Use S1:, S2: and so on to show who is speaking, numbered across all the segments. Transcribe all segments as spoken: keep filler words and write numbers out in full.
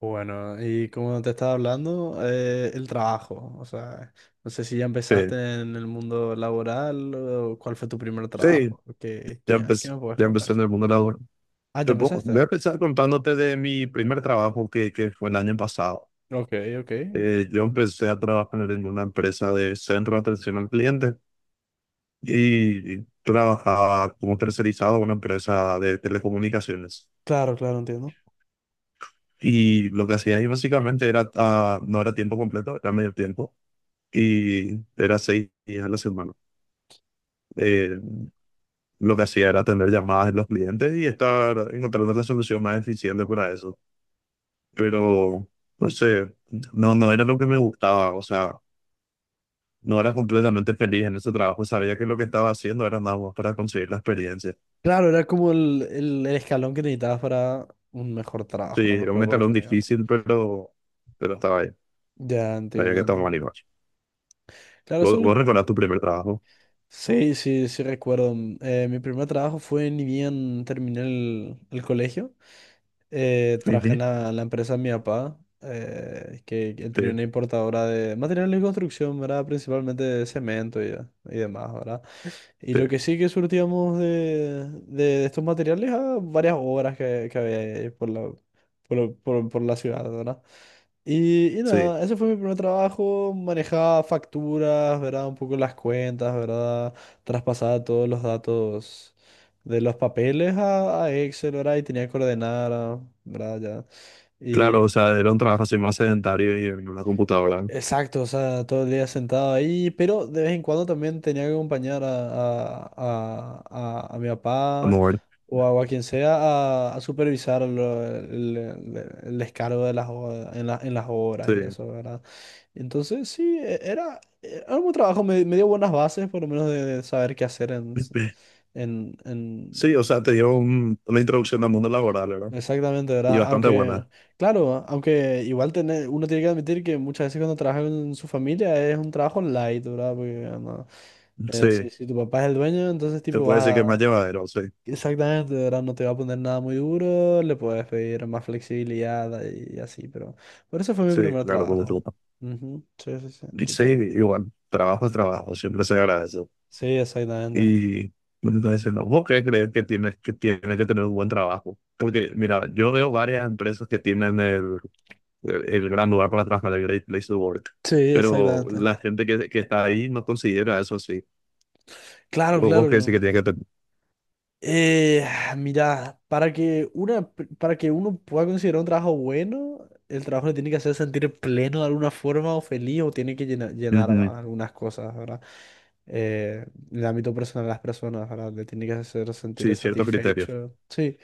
S1: Bueno, y como te estaba hablando, eh, el trabajo, o sea, no sé si ya empezaste
S2: Este,
S1: en el mundo laboral o cuál fue tu primer
S2: sí,
S1: trabajo, ¿qué,
S2: ya
S1: qué, qué
S2: empecé,
S1: me puedes
S2: ya empecé
S1: contar?
S2: en el mundo laboral.
S1: Ah, ¿ya
S2: Te puedo- voy a
S1: empezaste?
S2: empezar contándote de mi primer trabajo que, que fue el año pasado.
S1: Ok, ok.
S2: Eh, yo empecé a trabajar en una empresa de centro de atención al cliente y trabajaba como tercerizado en una empresa de telecomunicaciones.
S1: Claro, claro, entiendo.
S2: Y lo que hacía ahí básicamente era, ah, no era tiempo completo, era medio tiempo y era seis días a la semana. Eh, lo que hacía era atender llamadas de los clientes y estar encontrando la solución más eficiente para eso. Pero no sé, no, no era lo que me gustaba, o sea, no era completamente feliz en ese trabajo, sabía que lo que estaba haciendo era nada más para conseguir la experiencia.
S1: Claro, era como el, el, el escalón que necesitabas para un mejor
S2: Sí,
S1: trabajo, una
S2: era
S1: mejor
S2: un escalón
S1: oportunidad.
S2: difícil, pero, pero estaba ahí,
S1: Ya,
S2: sabía que
S1: entiendo,
S2: estaba mal
S1: entiendo.
S2: igual.
S1: Claro, eso
S2: ¿Vos,
S1: es lo
S2: vos
S1: que-
S2: recordás tu primer trabajo?
S1: Sí, sí, sí recuerdo. Mm, Eh, mi primer trabajo fue ni bien terminé el, el colegio. eh,
S2: Sí,
S1: traje
S2: sí,
S1: la, en la empresa de mi papá, eh, que él tenía
S2: sí,
S1: una importadora de materiales de construcción, ¿verdad? Principalmente de cemento y, y demás, ¿verdad? Y
S2: sí,
S1: lo que sí que surtíamos de, de- de estos materiales a varias obras que, que había ahí por la, por, por- por la ciudad, ¿verdad? Y, y
S2: sí.
S1: nada, ese fue mi primer trabajo, manejaba facturas, ¿verdad? Un poco las cuentas, ¿verdad? Traspasaba todos los datos de los papeles a, a Excel, ¿verdad? Y tenía que ordenar, ah, ¿verdad? Ya.
S2: Claro, o
S1: Y
S2: sea, era un trabajo así más sedentario y en una computadora,
S1: exacto, o sea, todo el día sentado ahí, pero de vez en cuando también tenía que acompañar a, a, a, a- a mi
S2: a
S1: papá
S2: mover.
S1: o a, o a quien sea a, a supervisar lo- el, el- el descargo de las, o- en la- en las obras
S2: Sí.
S1: y eso, ¿verdad? Entonces, sí, e- era, e, era un buen trabajo, me, me dio buenas bases, por lo menos de, de saber qué hacer en, s- en,
S2: Sí,
S1: en-
S2: o sea, te dio un- una introducción al mundo laboral, ¿verdad?
S1: Exactamente,
S2: Y
S1: ¿verdad?
S2: bastante
S1: Aunque,
S2: buena.
S1: claro, aunque igual tener, uno tiene que admitir que muchas veces cuando trabaja con su familia es un trabajo light, ¿verdad? Porque no, eh, si,
S2: Sí,
S1: si tu papá es el dueño, entonces
S2: te
S1: tipo
S2: puedo decir que
S1: vas
S2: es más
S1: a...
S2: llevadero, sí.
S1: Exactamente, ¿verdad? No te va a poner nada muy duro, le puedes pedir más flexibilidad y, así, pero... Por eso fue mi
S2: Sí,
S1: primer
S2: claro, con
S1: trabajo.
S2: disfruta.
S1: Ujú, sí, sí, sí,
S2: Y sí,
S1: total.
S2: igual, trabajo es trabajo, siempre se agradece.
S1: Sí, exactamente.
S2: Y entonces, ¿no? ¿Vos qué crees que tienes que, tienes que tener un buen trabajo? Porque mira, yo veo varias empresas que tienen el, el, gran lugar para trabajar, el Great Place to Work.
S1: Sí,
S2: Pero
S1: exactamente.
S2: la gente que, que está ahí no considera eso así.
S1: Claro,
S2: ¿Vos
S1: claro,
S2: vos qué decís
S1: claro.
S2: que tiene que tener?
S1: Eh, mira, para que una, para que uno pueda considerar un trabajo bueno, el trabajo le tiene que hacer sentir pleno de alguna forma o feliz o tiene que llena- llenar,
S2: Ujú.
S1: ¿verdad? Algunas cosas, ¿verdad? Eh, en el ámbito personal de las personas, ¿verdad? Le tiene que hacer sentir
S2: Sí, ciertos criterios.
S1: satisfecho. Sí, le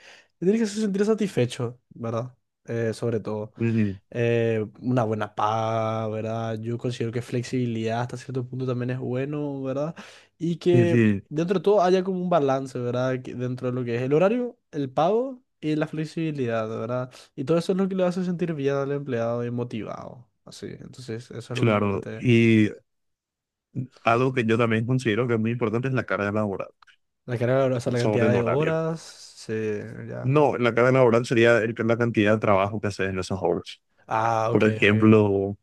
S1: tiene que hacer sentir satisfecho, ¿verdad? Eh, sobre todo.
S2: Ujú.
S1: eh, una buena paga, ¿verdad? Yo considero que flexibilidad hasta cierto punto también es bueno, ¿verdad? Y
S2: Sí,
S1: que
S2: sí.
S1: dentro de todo haya como un balance, ¿verdad? Que dentro de lo que es el horario, el pago y la flexibilidad, ¿verdad? Y todo eso es lo que le hace sentir bien al empleado y motivado. Así, entonces eso es lo que
S2: Claro,
S1: normalmente...
S2: y algo que yo también considero que es muy importante es la carga laboral
S1: La carga, o sea, la
S2: sobre
S1: cantidad
S2: el
S1: de
S2: horario.
S1: horas, se... ya.
S2: No, la carga laboral sería el- la cantidad de trabajo que haces en esas horas.
S1: Ah,
S2: Por
S1: ok, ok.
S2: ejemplo,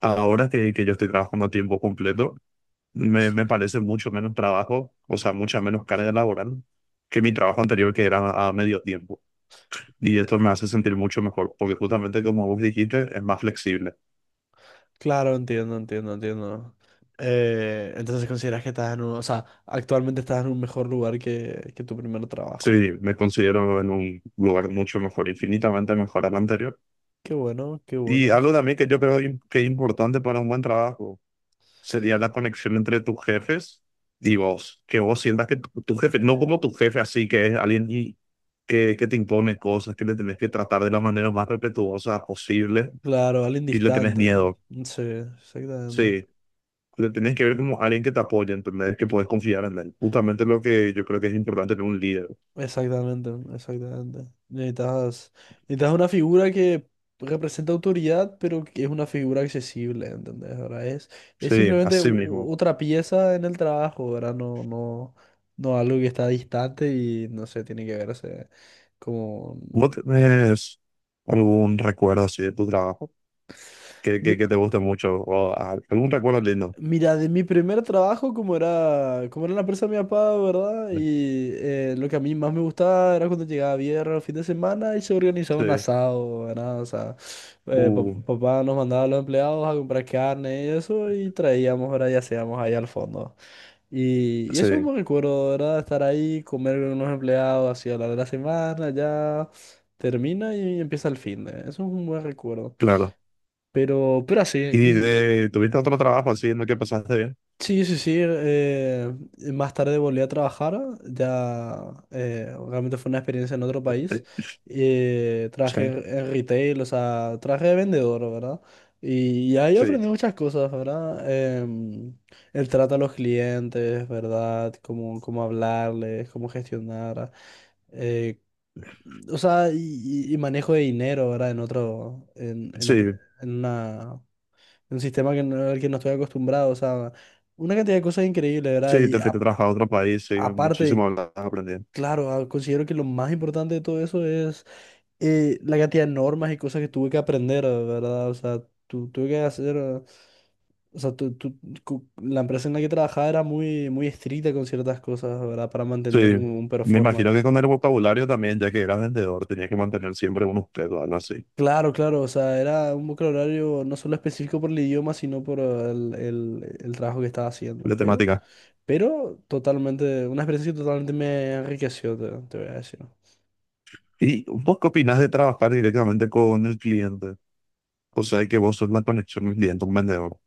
S2: ahora que, que yo estoy trabajando a tiempo completo, me, me
S1: Sí.
S2: parece mucho menos trabajo, o sea, mucha menos carga laboral que mi trabajo anterior que era a medio tiempo. Y esto me hace sentir mucho mejor, porque justamente como vos dijiste, es más flexible.
S1: Claro, entiendo, entiendo, entiendo. Eh, entonces consideras que estás en un, o sea, actualmente estás en un mejor lugar que, que tu primer
S2: Sí,
S1: trabajo.
S2: me considero en un lugar mucho mejor, infinitamente mejor al anterior.
S1: Qué bueno, qué
S2: Y
S1: bueno.
S2: algo también que yo creo im- que es importante para un buen trabajo sería la conexión entre tus jefes y vos. Que vos sientas que tu, tu jefe, no como tu jefe así, que es alguien y- que, que te impone cosas, que le tenés que tratar de la manera más respetuosa posible
S1: Claro, alguien
S2: y le tenés
S1: distante, ¿no?
S2: miedo.
S1: Sí, exactamente.
S2: Sí, le tenés que ver como alguien que te apoya, ¿entendés? Que puedes confiar en él. Justamente lo que yo creo que es importante en un líder.
S1: Exactamente, exactamente. Necesitas, necesitas una figura que representa autoridad, pero que es una figura accesible, ¿entendés? Ahora es, es
S2: Sí,
S1: simplemente u-
S2: así
S1: u-
S2: mismo.
S1: otra pieza en el trabajo, ¿verdad? No, no, no algo que está distante y no sé, tiene que verse como...
S2: ¿Vos tenés algún recuerdo así de tu trabajo que, que, que te guste mucho o a- algún recuerdo lindo?
S1: Mira, de mi primer trabajo, como era, como era la empresa de mi papá, ¿verdad? Y eh, lo que a mí más me gustaba era cuando llegaba viernes, fin de semana y se organizaba un
S2: Sí,
S1: asado, ¿verdad? O sea, eh, pa-
S2: uh,
S1: papá nos mandaba a los empleados a comprar carne y eso y traíamos, ¿verdad? Y hacíamos ahí al fondo. Y, y
S2: sí,
S1: eso me recuerdo, ¿verdad? Estar ahí, comer con unos empleados, así a la de la semana, ya termina y empieza el fin de. Eso es un buen recuerdo.
S2: claro.
S1: Pero, pero
S2: ¿Y
S1: así,
S2: de- tuviste otro trabajo así en el que pasaste bien?
S1: sí, sí, sí. Eh, más tarde volví a trabajar. Ya eh, realmente fue una experiencia en otro
S2: Eh,
S1: país.
S2: eh,
S1: Eh, trabajé
S2: Sí,
S1: en retail, o sea, trabajé de vendedor, ¿verdad? Y, y ahí
S2: sí,
S1: aprendí muchas cosas, ¿verdad? Em, el trato a los clientes, ¿verdad? Cómo, cómo hablarles, cómo gestionar. eh, o sea, y, y- y manejo de dinero, ¿verdad? En otro, en, en otro-
S2: sí,
S1: en una un sistema que no, al que no estoy acostumbrado, o sea, una cantidad de cosas increíbles, ¿verdad?
S2: sí,
S1: Y
S2: te fuiste a
S1: a-
S2: trabajar a otro país, sí, muchísimo
S1: aparte,
S2: hablas aprendiendo.
S1: claro, ah, considero que lo más importante de todo eso es eh, la cantidad de normas y cosas que tuve que aprender, ¿verdad? O sea, tu- tuve que hacer... ah, o sea, tu- tu- cu- la empresa en la que trabajaba era muy, muy estricta con ciertas cosas, ¿verdad? Para
S2: Sí,
S1: mantener un, un
S2: me
S1: performance.
S2: imagino que con el vocabulario también, ya que eras vendedor, tenías que mantener siempre unos pedos, algo así,
S1: Claro, claro, o sea, era un vocabulario no solo específico por el idioma, sino por el, el- el trabajo que estaba haciendo.
S2: la
S1: Pero
S2: temática.
S1: Pero totalmente, una experiencia que totalmente me enriqueció, te, te voy a decir.
S2: ¿Y vos qué opinás de trabajar directamente con el cliente? O sea, que vos sos la conexión del cliente, un vendedor.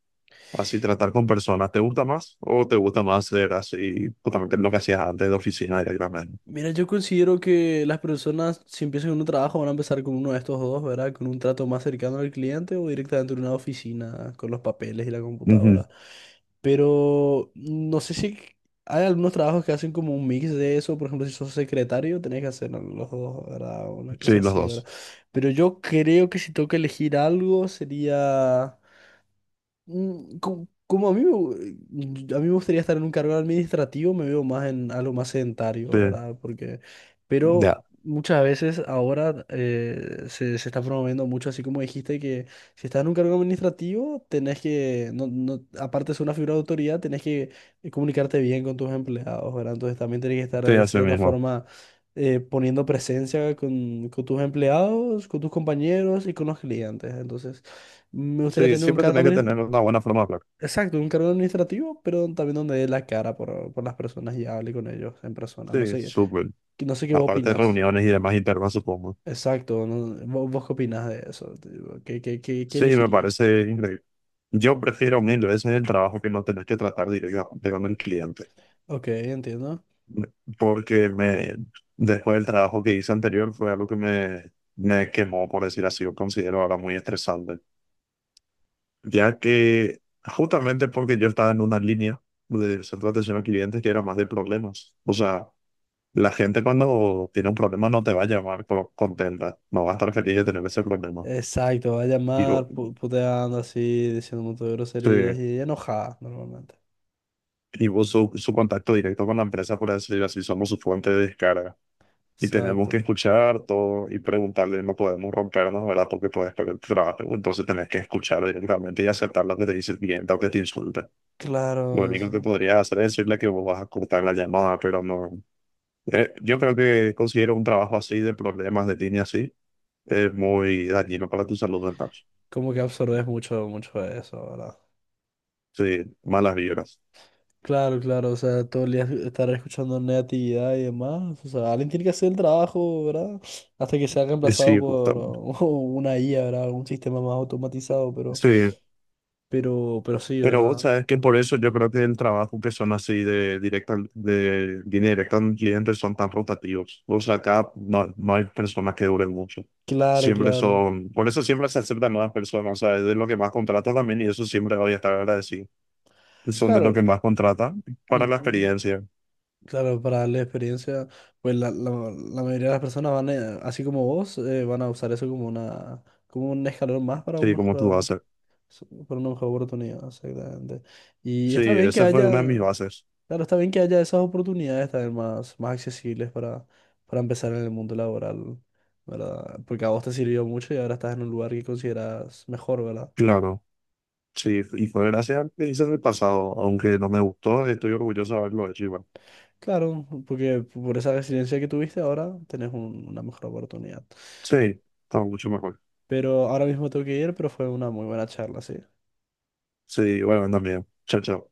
S2: Así tratar con personas, ¿te gusta más o te gusta más ser así, justamente lo que hacías antes de oficina directamente?
S1: Mira, yo considero que las personas, si empiezan con un trabajo, van a empezar con uno de estos dos, ¿verdad? Con un trato más cercano al cliente o directamente en una oficina, con los papeles y la
S2: Ujú.
S1: computadora. Pero no sé si hay algunos trabajos que hacen como un mix de eso. Por ejemplo, si sos secretario, tenés que hacer los dos, ¿verdad? Una
S2: Sí,
S1: cosa
S2: los
S1: así, ¿verdad?
S2: dos.
S1: Pero yo creo que si tengo que elegir algo, sería... Mm, co- Como, a mí, me gu- a mí me gustaría estar en un cargo administrativo, me veo más en algo más sedentario,
S2: Sí,
S1: ¿verdad? Porque, pero
S2: ya,
S1: muchas veces ahora eh, se, se está promoviendo mucho, así como dijiste, que si estás en un cargo administrativo, tenés que, no, no, aparte de ser una figura de autoridad, tenés que eh, comunicarte bien con tus empleados, ¿verdad? Entonces también tenés que estar
S2: sí,
S1: de
S2: así
S1: cierta
S2: mismo.
S1: forma eh, poniendo presencia con, con tus empleados, con tus compañeros y con los clientes. Entonces, me gustaría
S2: Sí,
S1: tener un
S2: siempre
S1: cargo
S2: tenés que tener
S1: administrativo.
S2: una buena forma de hablar.
S1: Exacto, un cargo administrativo, pero también donde dé la cara por, por las personas y hable con ellos en persona. No
S2: Sí,
S1: sé,
S2: súper.
S1: qué- no sé qué vos
S2: Aparte de
S1: opinás.
S2: reuniones y demás internas, supongo.
S1: Exacto, no- ¿Vos, vos qué opinás de eso? Tipo, ¿Qué, qué, qué, qué
S2: Sí, me
S1: elegirías?
S2: parece increíble. Yo prefiero mil veces el trabajo que no tener que tratar directamente con el cliente.
S1: Ok, entiendo.
S2: Porque me, después del trabajo que hice anterior fue algo que me, me quemó, por decir así, yo considero ahora muy estresante. Ya que justamente porque yo estaba en una línea de centro de atención al cliente que era más de problemas. O sea, la gente cuando tiene un problema no te va a llamar co- contenta, no va a estar feliz de tener ese problema.
S1: Exacto, va a
S2: Y vos,
S1: llamar pu- puteando así, diciendo un montón de
S2: sí,
S1: groserías y enojada normalmente.
S2: y vos su, su contacto directo con la empresa, por decir así, somos su fuente de descarga. Y tenemos que
S1: Exacto.
S2: escuchar todo y preguntarle, no podemos rompernos, ¿verdad? Porque puedes perder el trabajo. Entonces tenés que escuchar directamente y aceptar lo que te dice el cliente o que te insulta. Lo
S1: Claro,
S2: único que
S1: sí,
S2: podrías hacer es decirle que vos vas a cortar la llamada, pero no. Eh, yo creo que considero un trabajo así de problemas de línea así es muy dañino para tu salud mental.
S1: como que absorbes mucho, mucho de eso, ¿verdad?
S2: Sí, malas vibras.
S1: Claro, claro, o sea, todo el día estar escuchando negatividad y demás. O sea, alguien tiene que hacer el trabajo, ¿verdad? Hasta que sea reemplazado
S2: Sí,
S1: por
S2: justamente.
S1: uh, una I A, ¿verdad? Algún sistema más automatizado, pero,
S2: Sí.
S1: pero, pero sí,
S2: Pero vos
S1: ¿verdad?
S2: sabes que por eso yo creo que el trabajo que son así de directa, de línea directa al cliente son tan rotativos. O sea, acá no, no hay personas que duren mucho.
S1: Claro,
S2: Siempre
S1: claro.
S2: son, por eso siempre se aceptan nuevas personas. O sea, es de lo que más contrata también y eso siempre voy a estar agradecido. Son de lo
S1: Claro,
S2: que más contrata para la
S1: ujú.
S2: experiencia.
S1: Claro, para la experiencia, pues la, la- la mayoría de las personas van, a- así como vos, eh, van a usar eso como una, como un escalón más para un
S2: Sí, como tú
S1: mejor,
S2: haces.
S1: para una mejor oportunidad, exactamente. Y
S2: Sí,
S1: está bien que
S2: esa fue una de
S1: haya
S2: mis bases.
S1: claro, está bien que haya esas oportunidades también más, más accesibles para, para empezar en el mundo laboral, ¿verdad? Porque a vos te sirvió mucho y ahora estás en un lugar que consideras mejor, ¿verdad?
S2: Claro. Sí, y fue gracias al que hice en el pasado, aunque no me gustó, estoy orgulloso de haberlo hecho igual.
S1: Claro, porque por esa resiliencia que tuviste ahora tenés un- una mejor oportunidad.
S2: Sí, estaba mucho mejor.
S1: Pero ahora mismo tengo que ir, pero fue una muy buena charla, sí.
S2: Sí, bueno, también. Chao, chao.